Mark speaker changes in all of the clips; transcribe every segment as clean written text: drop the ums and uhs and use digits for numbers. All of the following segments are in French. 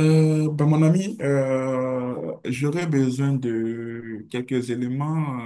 Speaker 1: Mon ami, j'aurais besoin de quelques éléments,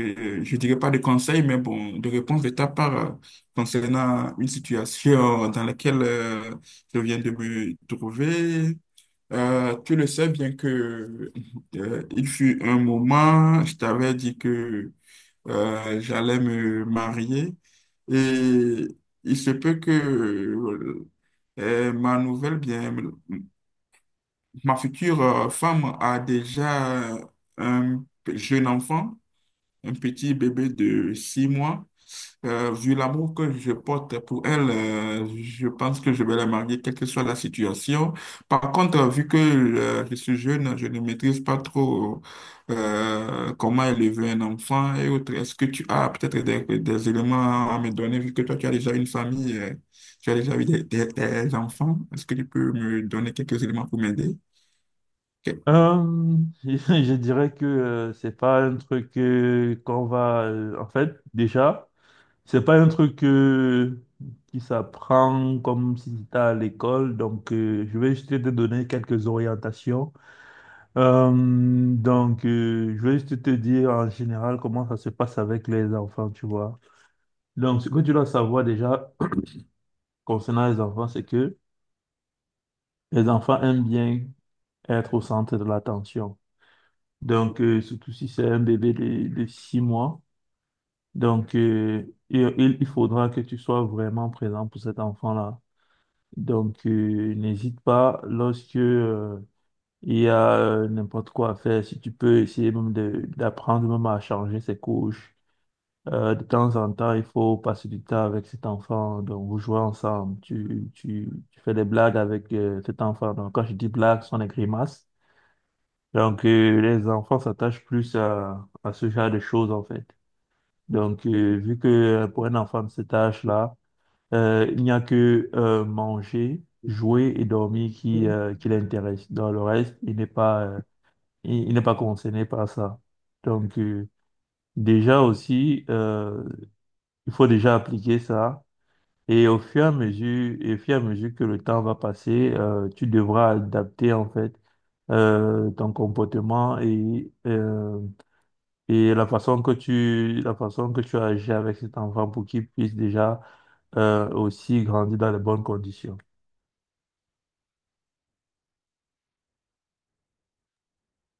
Speaker 1: je dirais pas de conseils, mais bon, de réponses de ta part concernant une situation dans laquelle je viens de me trouver. Tu le sais bien que il fut un moment, je t'avais dit que j'allais me marier, et il se peut que ma nouvelle bien ma future femme a déjà un jeune enfant, un petit bébé de 6 mois. Vu l'amour que je porte pour elle, je pense que je vais la marier, quelle que soit la situation. Par contre, vu que je suis jeune, je ne maîtrise pas trop comment élever un enfant et autres. Est-ce que tu as peut-être des éléments à me donner, vu que toi, tu as déjà une famille, tu as déjà eu des enfants? Est-ce que tu peux me donner quelques éléments pour m'aider?
Speaker 2: Euh, je dirais que c'est pas un truc qu'on va. En fait, déjà, c'est pas un truc qui s'apprend comme si c'était à l'école. Donc, je vais juste te donner quelques orientations. Euh, donc, je vais juste te dire en général comment ça se passe avec les enfants, tu vois. Donc, ce que tu dois savoir déjà concernant les enfants, c'est que les enfants aiment bien être au centre de l'attention. Donc, surtout si c'est un bébé de 6 mois. Donc, il faudra que tu sois vraiment présent pour cet enfant-là. Donc, n'hésite pas lorsque il y a n'importe quoi à faire. Si tu peux essayer même d'apprendre même à changer ses couches. De temps en temps, il faut passer du temps avec cet enfant. Donc, vous jouez ensemble. Tu fais des blagues avec cet enfant. Donc, quand je dis blagues, ce sont des grimaces. Donc, les enfants s'attachent plus à ce genre de choses, en fait. Donc, vu que pour un enfant de cet âge-là, il n'y a que manger, jouer et dormir qui l'intéresse. Dans le reste, il n'est pas, il n'est pas concerné par ça. Donc, déjà aussi, il faut déjà appliquer ça. Et au fur et à mesure, et au fur et à mesure que le temps va passer, tu devras adapter, en fait, ton comportement et la façon que tu agis avec cet enfant pour qu'il puisse déjà aussi grandir dans les bonnes conditions.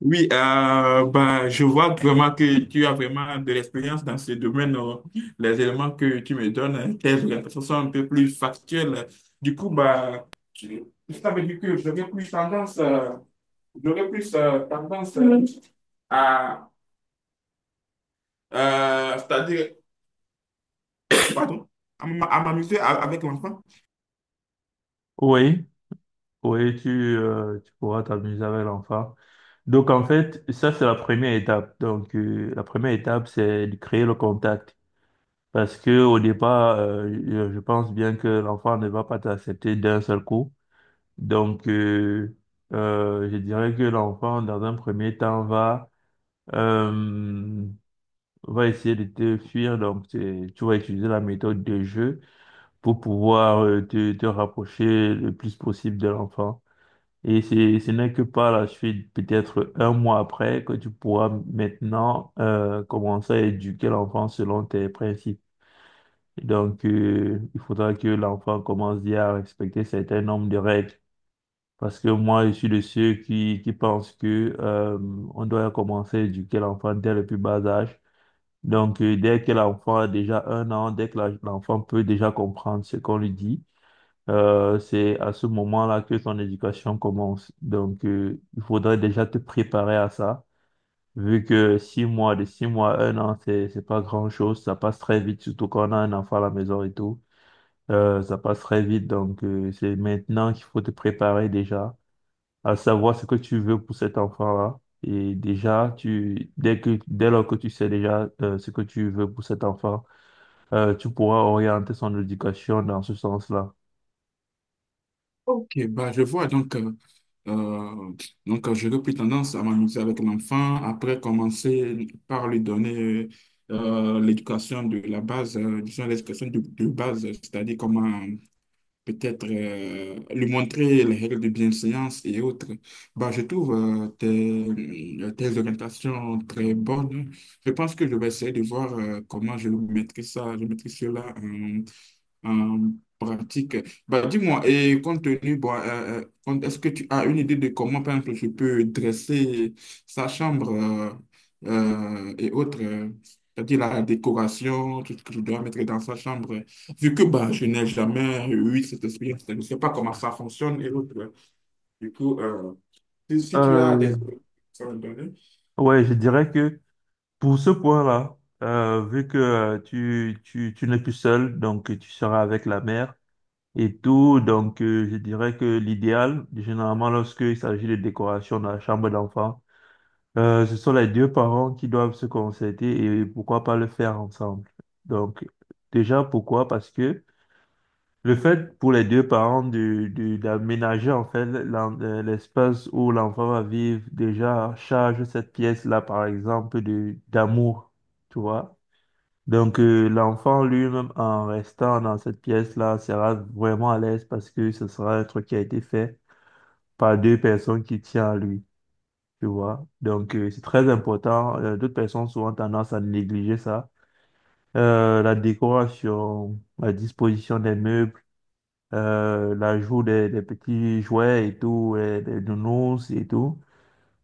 Speaker 1: Oui, bah, je vois vraiment que tu as vraiment de l'expérience dans ce domaine. Les éléments que tu me donnes, tes orientations sont un peu plus factuelles. Du coup, bah, tu- ça veut dire que j'aurais plus tendance à, c'est-à-dire, pardon, à m'amuser avec l'enfant.
Speaker 2: Oui, oui, tu pourras t'amuser avec l'enfant. Donc en fait, ça c'est la première étape. Donc la première étape, c'est de créer le contact. Parce que au départ, je pense bien que l'enfant ne va pas t'accepter d'un seul coup. Donc je dirais que l'enfant, dans un premier temps, va. euh, On va essayer de te fuir, donc tu vas utiliser la méthode de jeu pour pouvoir te rapprocher le plus possible de l'enfant. Et ce n'est que par la suite, peut-être 1 mois après, que tu pourras maintenant commencer à éduquer l'enfant selon tes principes. Donc, il faudra que l'enfant commence déjà à respecter certains nombres de règles. Parce que moi, je suis de ceux qui pensent que on doit commencer à éduquer l'enfant dès le plus bas âge. Donc, dès que l'enfant a déjà 1 an, dès que l'enfant peut déjà comprendre ce qu'on lui dit, c'est à ce moment-là que son éducation commence. Donc, il faudrait déjà te préparer à ça, vu que 6 mois, de 6 mois à 1 an, c'est pas grand-chose, ça passe très vite, surtout quand on a un enfant à la maison et tout. Ça passe très vite, donc c'est maintenant qu'il faut te préparer déjà à savoir ce que tu veux pour cet enfant-là. Et déjà, dès lors que tu sais déjà ce que tu veux pour cet enfant, tu pourras orienter son éducation dans ce sens-là.
Speaker 1: Ok, bah, je vois. Euh, j'aurais plus tendance à m'amuser avec l'enfant, après commencer par lui donner l'éducation de la base, disons l'éducation de base, c'est-à-dire comment peut-être lui montrer les règles de bienséance et autres. Bah, je trouve tes orientations très bonnes. Je pense que je vais essayer de voir comment je maîtrise ça, je maîtrise cela en pratique. Bah, dis-moi, et compte tenu, bon, est-ce que tu as une idée de comment, par exemple, je peux dresser sa chambre et autres, c'est-à-dire la décoration, tout ce que je dois mettre dans sa chambre, vu que bah, je n'ai jamais eu cette expérience, je ne sais pas comment ça fonctionne et autres. Du coup, si tu as des...
Speaker 2: Euh,
Speaker 1: ça me donne-
Speaker 2: ouais, je dirais que pour ce point-là, vu que tu n'es plus seul, donc tu seras avec la mère et tout, donc je dirais que l'idéal, généralement lorsqu'il s'agit de décoration dans la chambre d'enfant, ce sont les deux parents qui doivent se concerter et pourquoi pas le faire ensemble. Donc déjà, pourquoi? Parce que le fait pour les deux parents d'aménager en fait l'espace où l'enfant va vivre déjà charge cette pièce-là par exemple de d'amour, tu vois. Donc l'enfant lui-même en restant dans cette pièce-là sera vraiment à l'aise parce que ce sera un truc qui a été fait par deux personnes qui tiennent à lui, tu vois. Donc c'est très important. D'autres personnes souvent tendance à négliger ça. La décoration, la disposition des meubles, l'ajout des petits jouets et tout, et des nounours et tout.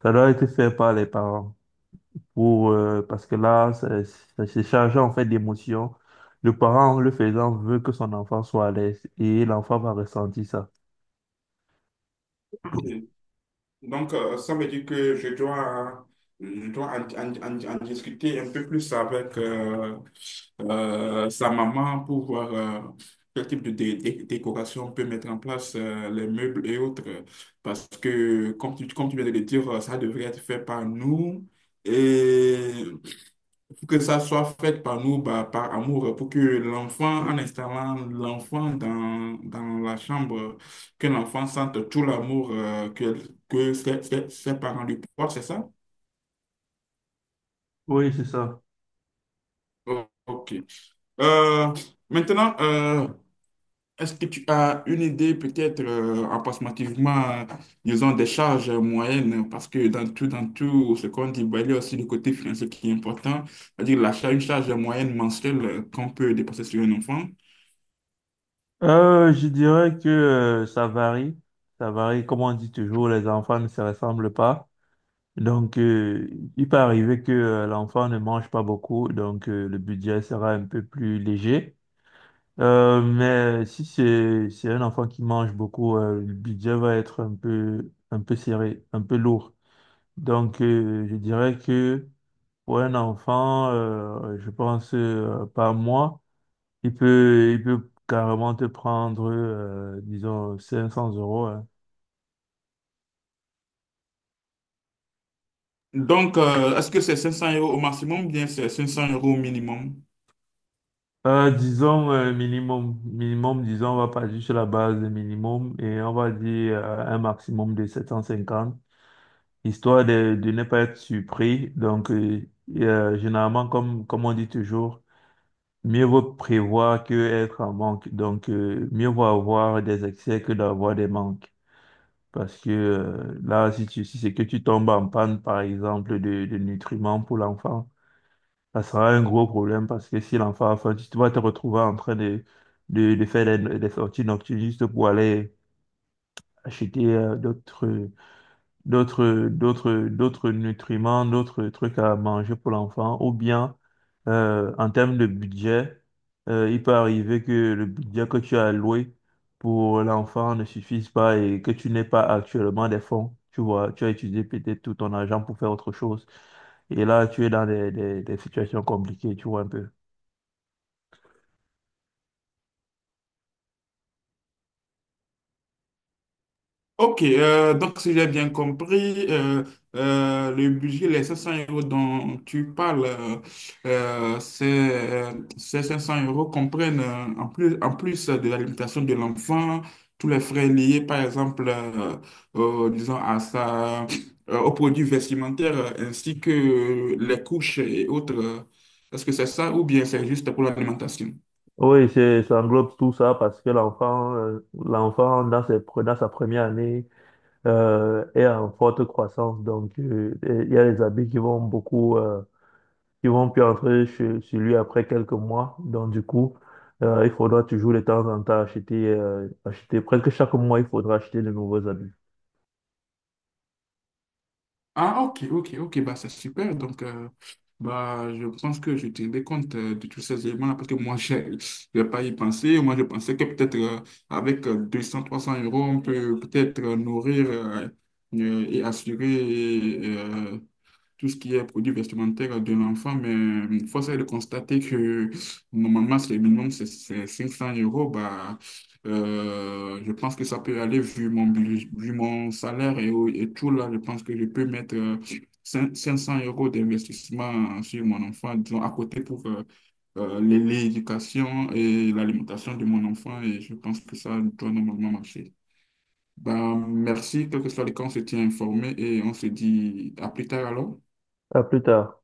Speaker 2: Ça doit être fait par les parents pour, parce que là, c'est chargé en fait d'émotions. Le parent, en le faisant, veut que son enfant soit à l'aise et l'enfant va ressentir ça.
Speaker 1: Donc, ça veut dire que je dois en discuter un peu plus avec sa maman pour voir quel type de décoration on peut mettre en place, les meubles et autres. Parce que, comme tu viens de le dire, ça devrait être fait par nous. Et pour que ça soit fait par nous, bah, par amour, pour que l'enfant, en installant l'enfant dans la chambre, que l'enfant sente tout l'amour que ses parents lui portent, c'est ça?
Speaker 2: Oui, c'est ça.
Speaker 1: Oh, ok. Euh, maintenant, euh, Est-ce que tu as une idée peut-être approximativement, disons, des charges moyennes? Parce que dans tout ce qu'on dit, bah, il y a aussi le côté financier qui est important. C'est-à-dire la charge, une charge moyenne mensuelle qu'on peut dépenser sur un enfant.
Speaker 2: Je dirais que ça varie. Ça varie. Comme on dit toujours, les enfants ne se ressemblent pas. Donc, il peut arriver que l'enfant ne mange pas beaucoup, donc le budget sera un peu plus léger. Mais si c'est un enfant qui mange beaucoup, le budget va être un peu serré, un peu lourd. Donc je dirais que pour un enfant, je pense par mois, il peut carrément te prendre disons 500 euros. Hein.
Speaker 1: Donc, est-ce que c'est 500 euros au maximum ou bien c'est 500 euros au minimum?
Speaker 2: Disons minimum, disons on va partir sur la base de minimum et on va dire un maximum de 750. Histoire de ne pas être surpris. Donc, et, généralement, comme on dit toujours, mieux vaut prévoir que être en manque. Donc, mieux vaut avoir des excès que d'avoir des manques. Parce que là, si c'est que tu tombes en panne, par exemple, de nutriments pour l'enfant, ça sera un gros problème parce que si l'enfant a faim, vas te retrouver en train de faire des sorties nocturnes juste pour aller acheter d'autres. D'autres nutriments, d'autres trucs à manger pour l'enfant, ou bien en termes de budget, il peut arriver que le budget que tu as alloué pour l'enfant ne suffise pas et que tu n'aies pas actuellement des fonds. Tu vois, tu as utilisé peut-être tout ton argent pour faire autre chose. Et là, tu es dans des situations compliquées, tu vois un peu.
Speaker 1: Ok, donc si j'ai bien compris, le budget, les 500 euros dont tu parles, euh, c'est, euh, ces 500 euros comprennent en plus de l'alimentation de l'enfant, tous les frais liés, par exemple, disons, à sa, aux produits vestimentaires, ainsi que les couches et autres. Est-ce que c'est ça ou bien c'est juste pour l'alimentation?
Speaker 2: Oui, ça englobe tout ça parce que l'enfant, dans sa première année, est en forte croissance. Donc, et il y a les habits qui vont beaucoup, qui vont plus entrer chez lui après quelques mois. Donc, du coup, il faudra toujours de temps en temps acheter. Presque chaque mois, il faudra acheter de nouveaux habits.
Speaker 1: Ah, ok, ok, ok, bah, c'est super. Donc, bah, je pense que je tiendrai compte de tous ces éléments-là parce que moi, je n'ai pas y pensé. Moi, je pensais que peut-être avec 200, 300 euros, on peut peut-être nourrir et assurer euh, tout ce qui est produit vestimentaire de l'enfant, mais force est de constater que normalement, c'est le minimum, c'est 500 euros. Bah, je pense que ça peut aller vu mon, vu mon salaire et, et tout là. Je pense que je peux mettre cinq 500 euros d'investissement sur mon enfant, disons, à côté pour l'éducation et l'alimentation de mon enfant. Et je pense que ça doit normalement marcher. Bah, merci, quel que soit le cas, on se tient informé et on se dit à plus tard alors.
Speaker 2: À plus tard.